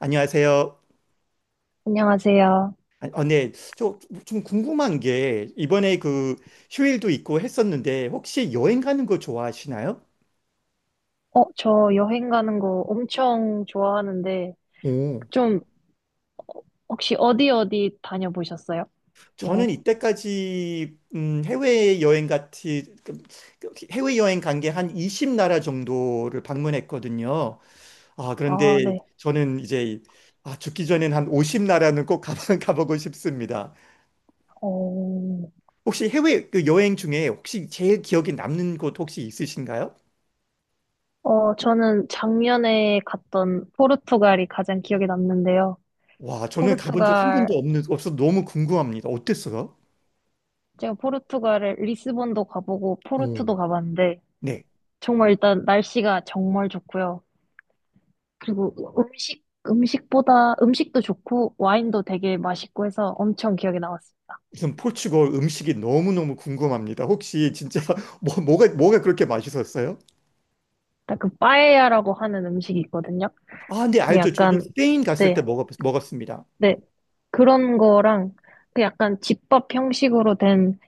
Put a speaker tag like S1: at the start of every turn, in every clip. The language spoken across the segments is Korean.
S1: 안녕하세요.
S2: 안녕하세요.
S1: 아, 어, 네. 저, 좀 궁금한 게, 이번에 그 휴일도 있고 했었는데, 혹시 여행 가는 거 좋아하시나요?
S2: 저 여행 가는 거 엄청 좋아하는데,
S1: 오,
S2: 좀, 혹시 어디 어디 다녀보셨어요? 여행?
S1: 저는 이때까지, 해외여행 간 게 한 20나라 정도를 방문했거든요. 아,
S2: 아,
S1: 그런데
S2: 네.
S1: 저는 이제, 아, 죽기 전엔 한 50나라는 꼭 가 가보고 싶습니다.
S2: 어,
S1: 혹시 해외 그 여행 중에 혹시 제일 기억에 남는 곳 혹시 있으신가요?
S2: 저는 작년에 갔던 포르투갈이 가장 기억에 남는데요.
S1: 와, 저는 가본 적 한
S2: 포르투갈,
S1: 번도 없어서 너무 궁금합니다. 어땠어요?
S2: 제가 포르투갈을 리스본도 가보고
S1: 음.
S2: 포르투도 가봤는데,
S1: 네.
S2: 정말 일단 날씨가 정말 좋고요. 그리고 음식도 좋고, 와인도 되게 맛있고 해서 엄청 기억에 남았어요.
S1: 우선 포르투갈 음식이 너무너무 궁금합니다. 혹시 진짜 뭐가 그렇게 맛있었어요?
S2: 약간 그 빠에야라고 하는 음식이 있거든요.
S1: 아, 네,
S2: 그게
S1: 알죠. 저는
S2: 약간
S1: 스페인 갔을 때
S2: 네,
S1: 먹었습니다.
S2: 네 그런 거랑 그 약간 집밥 형식으로 된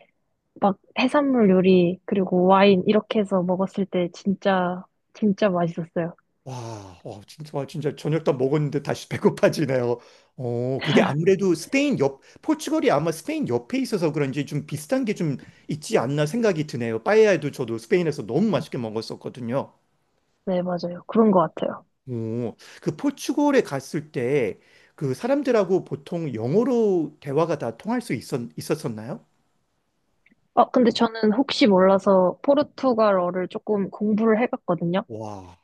S2: 막 해산물 요리 그리고 와인 이렇게 해서 먹었을 때 진짜 진짜 맛있었어요.
S1: 와, 어, 진짜, 와, 진짜 저녁 다 먹었는데 다시 배고파지네요. 어, 그게 아무래도 포르투갈이 아마 스페인 옆에 있어서 그런지 좀 비슷한 게 좀 있지 않나 생각이 드네요. 빠에야도 저도 스페인에서 너무 맛있게 먹었었거든요.
S2: 네, 맞아요. 그런 것 같아요.
S1: 오, 그 포르투갈에 갔을 때 그 사람들하고 보통 영어로 대화가 다 있었었나요?
S2: 근데 저는 혹시 몰라서 포르투갈어를 조금 공부를 해봤거든요.
S1: 와,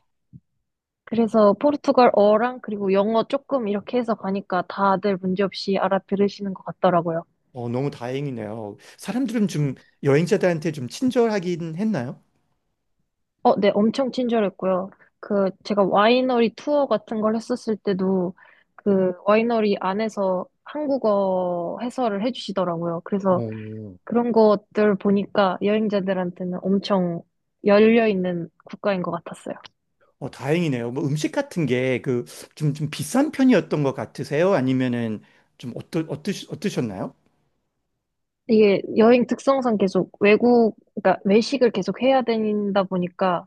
S2: 그래서 포르투갈어랑 그리고 영어 조금 이렇게 해서 가니까 다들 문제없이 알아들으시는 것 같더라고요.
S1: 어, 너무 다행이네요. 사람들은 좀 여행자들한테 좀 친절하긴 했나요?
S2: 어, 네, 엄청 친절했고요. 그, 제가 와이너리 투어 같은 걸 했었을 때도 그 와이너리 안에서 한국어 해설을 해주시더라고요. 그래서
S1: 오,
S2: 그런 것들 보니까 여행자들한테는 엄청 열려있는 국가인 것 같았어요.
S1: 어, 다행이네요. 뭐 음식 같은 게 그 좀 비싼 편이었던 것 같으세요? 아니면은 좀 어떠셨나요?
S2: 이게 여행 특성상 계속 외국, 그러니까 외식을 계속 해야 된다 보니까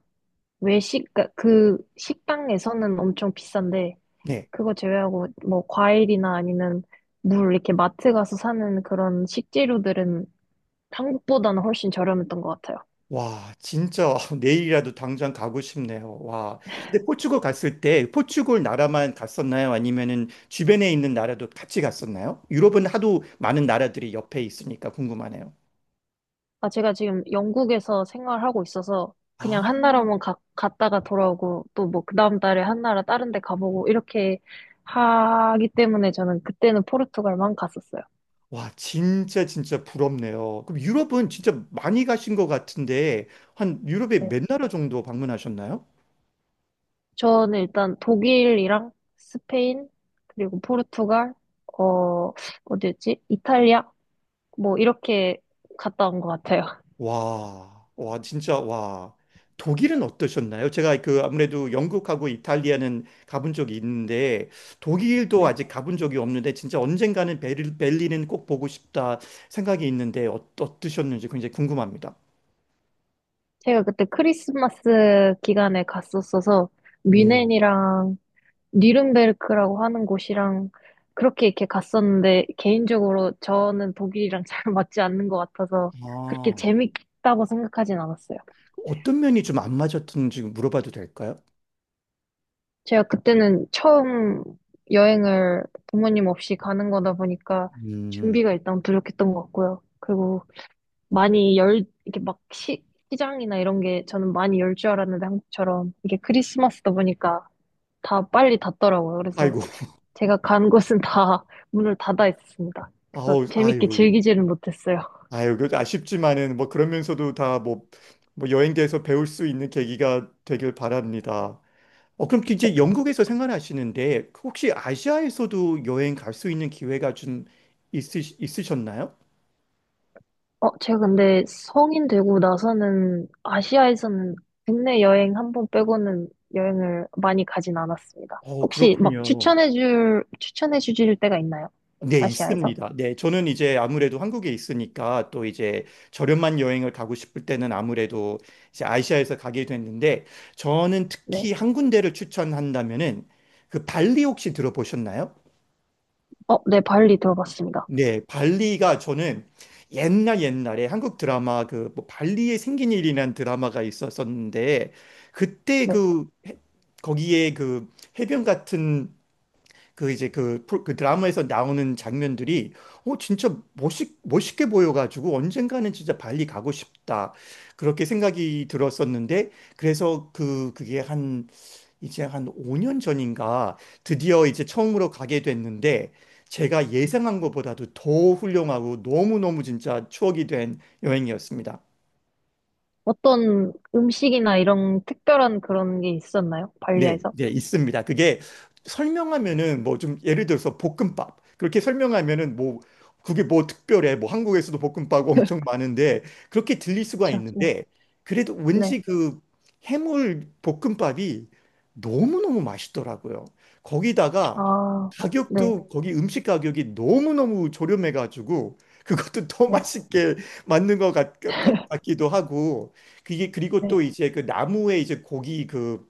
S2: 외식, 그러니까 그 식당에서는 엄청 비싼데
S1: 네.
S2: 그거 제외하고 뭐 과일이나 아니면 물 이렇게 마트 가서 사는 그런 식재료들은 한국보다는 훨씬 저렴했던 것 같아요.
S1: 와, 진짜 내일이라도 당장 가고 싶네요. 와. 근데 포르투갈 갔을 때 포르투갈 나라만 갔었나요? 아니면은 주변에 있는 나라도 같이 갔었나요? 유럽은 하도 많은 나라들이 옆에 있으니까 궁금하네요.
S2: 아, 제가 지금 영국에서 생활하고 있어서 그냥
S1: 아,
S2: 한 나라만 갔다가 돌아오고 또 뭐 그 다음 달에 한 나라 다른 데 가보고 이렇게 하기 때문에 저는 그때는 포르투갈만 갔었어요.
S1: 와, 진짜 진짜 부럽네요. 그럼 유럽은 진짜 많이 가신 것 같은데 한 유럽에
S2: 네.
S1: 몇 나라 정도 방문하셨나요?
S2: 저는 일단 독일이랑 스페인 그리고 포르투갈 어 어디였지? 이탈리아 뭐 이렇게 갔다 온 것 같아요.
S1: 와, 와, 진짜, 와. 독일은 어떠셨나요? 제가 그 아무래도 영국하고 이탈리아는 가본 적이 있는데 독일도
S2: 네.
S1: 아직 가본 적이 없는데 진짜 언젠가는 벨린은 꼭 보고 싶다 생각이 있는데 어, 어떠셨는지 굉장히 궁금합니다.
S2: 제가 그때 크리스마스 기간에 갔었어서
S1: 음,
S2: 뮌헨이랑 뉘른베르크라고 하는 곳이랑 그렇게 이렇게 갔었는데 개인적으로 저는 독일이랑 잘 맞지 않는 것 같아서 그렇게
S1: 아,
S2: 재밌다고 생각하진 않았어요.
S1: 어떤 면이 좀 안 맞았는지 물어봐도 될까요?
S2: 제가 그때는 처음 여행을 부모님 없이 가는 거다 보니까
S1: 음,
S2: 준비가 일단 부족했던 것 같고요. 그리고 많이 이렇게 막 시장이나 이런 게 저는 많이 열 줄 알았는데 한국처럼 이게 크리스마스다 보니까 다 빨리 닫더라고요. 그래서
S1: 아이고,
S2: 제가 간 곳은 다 문을 닫아 있었습니다. 그래서
S1: 아우,
S2: 재밌게
S1: 아이고,
S2: 즐기지는 못했어요.
S1: 아이고, 그 아쉽지만은 뭐 그러면서도 다 뭐 여행지에서 배울 수 있는 계기가 되길 바랍니다. 어, 그럼
S2: 네.
S1: 이제 영국에서 생활하시는데 혹시 아시아에서도 여행 갈 수 있는 기회가 좀 있으셨나요?
S2: 제가 근데 성인 되고 나서는 아시아에서는 국내 여행 1번 빼고는 여행을 많이 가진 않았습니다.
S1: 어,
S2: 혹시 막
S1: 그렇군요.
S2: 추천해주실 때가 있나요?
S1: 네,
S2: 아시아에서?
S1: 있습니다. 네, 저는 이제 아무래도 한국에 있으니까 또 이제 저렴한 여행을 가고 싶을 때는 아무래도 이제 아시아에서 가게 됐는데 저는
S2: 네.
S1: 특히 한 군데를 추천한다면은 그 발리 혹시 들어보셨나요?
S2: 어, 네, 발리 들어봤습니다.
S1: 네, 발리가 저는 옛날 옛날에 한국 드라마 그뭐 발리에 생긴 일이라는 드라마가 있었었는데 그때
S2: 네.
S1: 거기에 그 해변 같은 그 이제 그 드라마에서 나오는 장면들이 어 진짜 멋있게 보여가지고 언젠가는 진짜 발리 가고 싶다 그렇게 생각이 들었었는데 그래서 그게 이제 한 5년 전인가 드디어 이제 처음으로 가게 됐는데 제가 예상한 것보다도 더 훌륭하고 너무너무 진짜 추억이 된 여행이었습니다.
S2: 어떤 음식이나 이런 특별한 그런 게 있었나요?
S1: 네,
S2: 발리에서?
S1: 네, 있습니다. 그게 설명하면은 뭐 좀 예를 들어서 볶음밥. 그렇게 설명하면은 뭐 그게 뭐 특별해. 뭐 한국에서도 볶음밥 엄청 많은데 그렇게 들릴 수가
S2: 그렇죠.
S1: 있는데 그래도 왠지
S2: 네.
S1: 그 해물 볶음밥이 너무너무 맛있더라고요. 거기다가
S2: 아, 네,
S1: 가격도 거기 음식 가격이 너무너무 저렴해가지고 그것도 더
S2: 네,
S1: 맛있게 맞는 것 같기도 하고 그게 그리고 또
S2: 네,
S1: 이제 그 나무에 이제 고기 그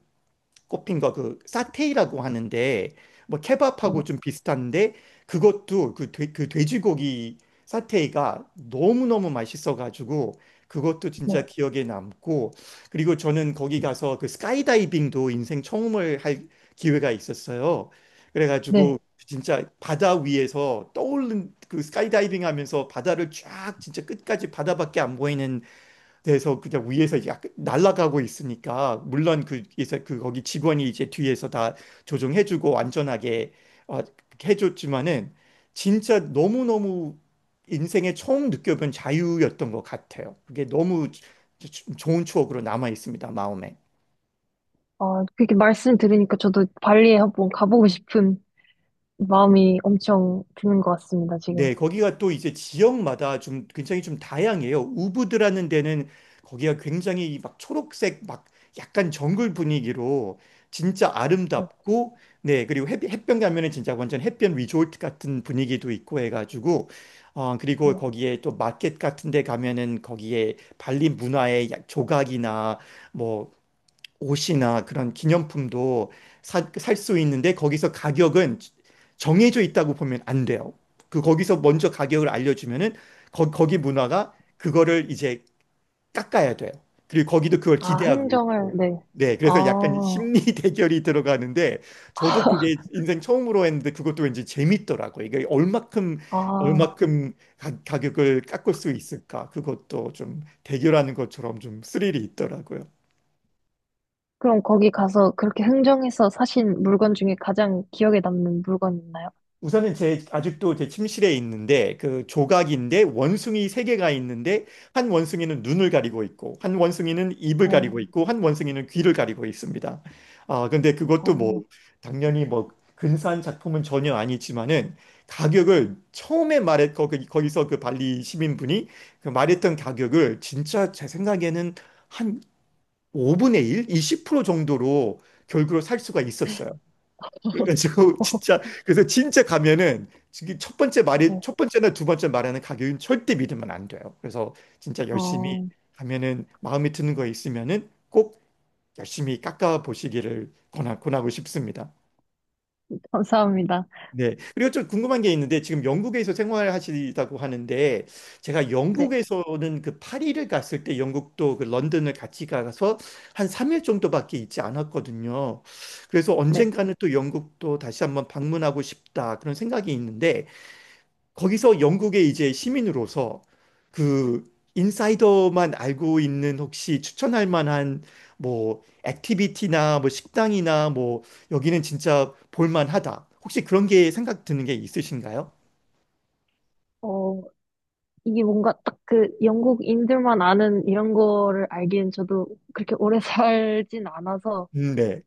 S1: 꼽힌 거 그 사테이라고 하는데 뭐
S2: 네,
S1: 케밥하고 좀 비슷한데 그것도 그 돼지고기 사테이가 너무너무 맛있어가지고 그것도 진짜
S2: 네,
S1: 기억에 남고 그리고 저는 거기 가서 그 스카이다이빙도 인생 처음을 할 기회가 있었어요. 그래가지고
S2: 네.
S1: 진짜 바다 위에서 떠오른 그 스카이다이빙 하면서 바다를 쫙 진짜 끝까지 바다밖에 안 보이는 그래서 그냥 위에서 약 날아가고 있으니까 물론 그 이제 그 거기 직원이 이제 뒤에서 다 조정해주고 안전하게 어, 해줬지만은 진짜 너무 너무 인생에 처음 느껴본 자유였던 것 같아요. 그게 너무 좋은 추억으로 남아 있습니다 마음에.
S2: 아, 그렇게 말씀 들으니까 저도 발리에 한번 가보고 싶은 마음이 엄청 드는 것 같습니다, 지금.
S1: 네, 거기가 또 이제 지역마다 좀 굉장히 좀 다양해요. 우브드라는 데는 거기가 굉장히 막 초록색 막 약간 정글 분위기로 진짜
S2: 네,
S1: 아름답고 네, 그리고 해변 가면은 진짜 완전 햇변 리조트 같은 분위기도 있고 해가지고 어, 그리고
S2: 네.
S1: 거기에 또 마켓 같은 데 가면은 거기에 발리 문화의 조각이나 뭐 옷이나 그런 기념품도 살 수 있는데 거기서 가격은 정해져 있다고 보면 안 돼요. 그 거기서 먼저 가격을 알려주면은 거기 문화가 그거를 이제 깎아야 돼요. 그리고 거기도 그걸
S2: 아,
S1: 기대하고
S2: 흥정을,
S1: 있고.
S2: 네.
S1: 네, 그래서 약간
S2: 아,
S1: 심리 대결이 들어가는데 저도 그게 인생 처음으로 했는데 그것도 왠지 재밌더라고요. 이게 얼마큼
S2: 아,
S1: 얼마큼 가격을 깎을 수 있을까? 그것도 좀 대결하는 것처럼 좀 스릴이 있더라고요.
S2: 그럼 거기 가서 그렇게 흥정해서 사신 물건 중에 가장 기억에 남는 물건 있나요?
S1: 우선은 제 아직도 제 침실에 있는데 그 조각인데 원숭이 세 개가 있는데 한 원숭이는 눈을 가리고 있고 한 원숭이는 입을
S2: 어,
S1: 가리고 있고 한 원숭이는 귀를 가리고 있습니다. 아 근데 그것도 뭐
S2: 어,
S1: 당연히 뭐 근사한 작품은 전혀 아니지만은 가격을 처음에 말했 거기서 그 발리 시민분이 그 말했던 가격을 진짜 제 생각에는 한 5분의 1, 20% 정도로 결국으로 살 수가 있었어요. 그래가지고 진짜 그래서 진짜 가면은 지금 첫 번째 말이
S2: 네.
S1: 첫 번째나 두 번째 말하는 가격은 절대 믿으면 안 돼요. 그래서 진짜 열심히
S2: 어,
S1: 가면은 마음에 드는 거 있으면은 꼭 열심히 깎아 보시기를 권하고 싶습니다.
S2: 감사합니다.
S1: 네. 그리고 좀 궁금한 게 있는데 지금 영국에서 생활하시다고 하는데 제가
S2: 네,
S1: 영국에서는 그 파리를 갔을 때 영국도 그 런던을 같이 가서 한 3일 정도밖에 있지 않았거든요. 그래서
S2: 네.
S1: 언젠가는 또 영국도 다시 한번 방문하고 싶다 그런 생각이 있는데 거기서 영국의 이제 시민으로서 그 인사이더만 알고 있는 혹시 추천할 만한 뭐 액티비티나 뭐 식당이나 뭐 여기는 진짜 볼만하다. 혹시 그런 게 생각 드는 게 있으신가요?
S2: 어, 이게 뭔가 딱 그 영국인들만 아는 이런 거를 알기엔 저도 그렇게 오래 살진 않아서
S1: 네.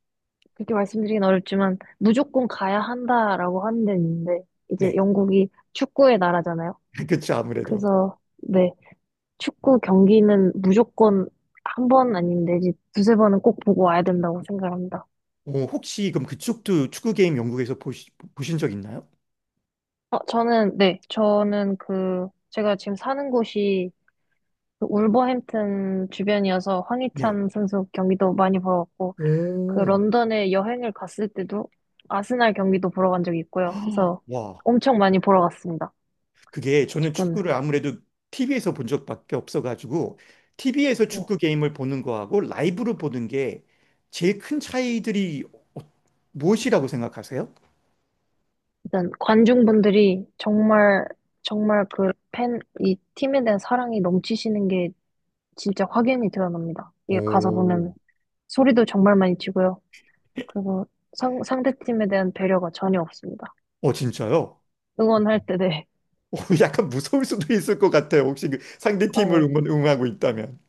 S2: 그렇게 말씀드리긴 어렵지만 무조건 가야 한다라고 하는 데는 있는데 이제
S1: 네.
S2: 영국이 축구의 나라잖아요.
S1: 그렇죠. 아무래도.
S2: 그래서 네, 축구 경기는 무조건 1번 아니면 내지 두세 번은 꼭 보고 와야 된다고 생각합니다.
S1: 어, 혹시 그럼 그쪽도 축구 게임 영국에서 보신 적 있나요?
S2: 어, 저는 네, 저는 그 제가 지금 사는 곳이 그 울버햄튼 주변이어서
S1: 네.
S2: 황희찬 선수 경기도 많이 보러 왔고 그
S1: 오.
S2: 런던에 여행을 갔을 때도 아스날 경기도 보러 간 적이 있고요. 해서
S1: 와.
S2: 엄청 많이 보러 갔습니다.
S1: 그게 저는
S2: 조금
S1: 축구를 아무래도 TV에서 본 적밖에 없어가지고 TV에서
S2: 네.
S1: 축구 게임을 보는 거하고 라이브로 보는 게 제일 큰 차이들이 어- 무엇이라고 생각하세요?
S2: 일단 관중분들이 정말 정말 그 이 팀에 대한 사랑이 넘치시는 게 진짜 확연히 드러납니다. 이게 가서
S1: 오.
S2: 보면 소리도 정말 많이 치고요. 그리고 상대팀에 대한 배려가 전혀 없습니다.
S1: 어, 진짜요?
S2: 응원할 때, 네.
S1: 어, 약간 무서울 수도 있을 것 같아요. 혹시 그 상대
S2: 아,
S1: 팀을
S2: 네.
S1: 응원하고 있다면.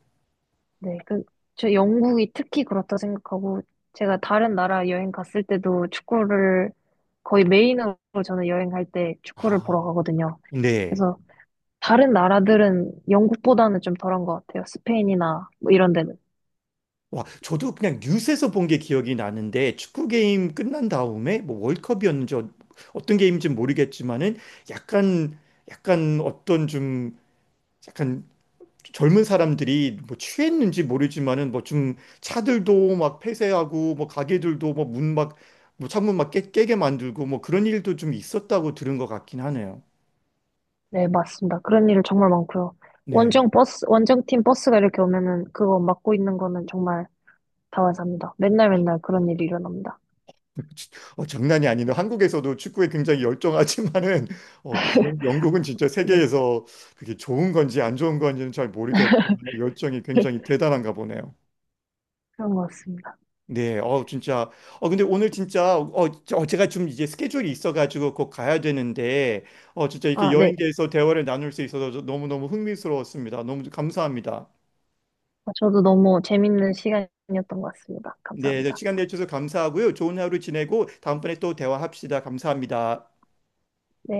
S2: 네, 그, 저 영국이 특히 그렇다 생각하고, 제가 다른 나라 여행 갔을 때도 축구를 거의 메인으로 저는 여행할 때 축구를
S1: 아,
S2: 보러 가거든요.
S1: 네.
S2: 그래서 다른 나라들은 영국보다는 좀 덜한 것 같아요. 스페인이나 뭐 이런 데는.
S1: 와, 저도 그냥 뉴스에서 본 게 기억이 나는데 축구 게임 끝난 다음에 뭐 월컵이었는지 어떤 게임인지 모르겠지만은 약간 약간 어떤 좀 약간 젊은 사람들이 뭐 취했는지 모르지만은 뭐 좀 차들도 막 폐쇄하고 뭐 가게들도 뭐 문 막 뭐 창문 막 깨게 만들고 뭐 그런 일도 좀 있었다고 들은 것 같긴 하네요.
S2: 네, 맞습니다. 그런 일 정말 많고요.
S1: 네.
S2: 원정팀 버스가 이렇게 오면은 그거 맡고 있는 거는 정말 다반사입니다. 맨날 맨날
S1: 어,
S2: 그런 일이 일어납니다.
S1: 지- 장난이 아니네. 한국에서도 축구에 굉장히 열정하지만은 어, 영국은 진짜
S2: 네,
S1: 세계에서 그게 좋은 건지 안 좋은 건지는 잘 모르겠지만 열정이 굉장히 대단한가 보네요.
S2: 그런 것 같습니다.
S1: 네, 어, 진짜. 어, 근데 오늘 진짜, 어, 제가 좀 이제 스케줄이 있어가지고 곧 가야 되는데, 어, 진짜 이렇게
S2: 아, 네.
S1: 여행에 대해서 대화를 나눌 수 있어서 저 너무너무 흥미스러웠습니다. 너무 감사합니다.
S2: 저도 너무 재밌는 시간이었던 것 같습니다.
S1: 네, 네,
S2: 감사합니다.
S1: 시간 내주셔서 감사하고요. 좋은 하루 지내고 다음번에 또 대화합시다. 감사합니다.
S2: 네.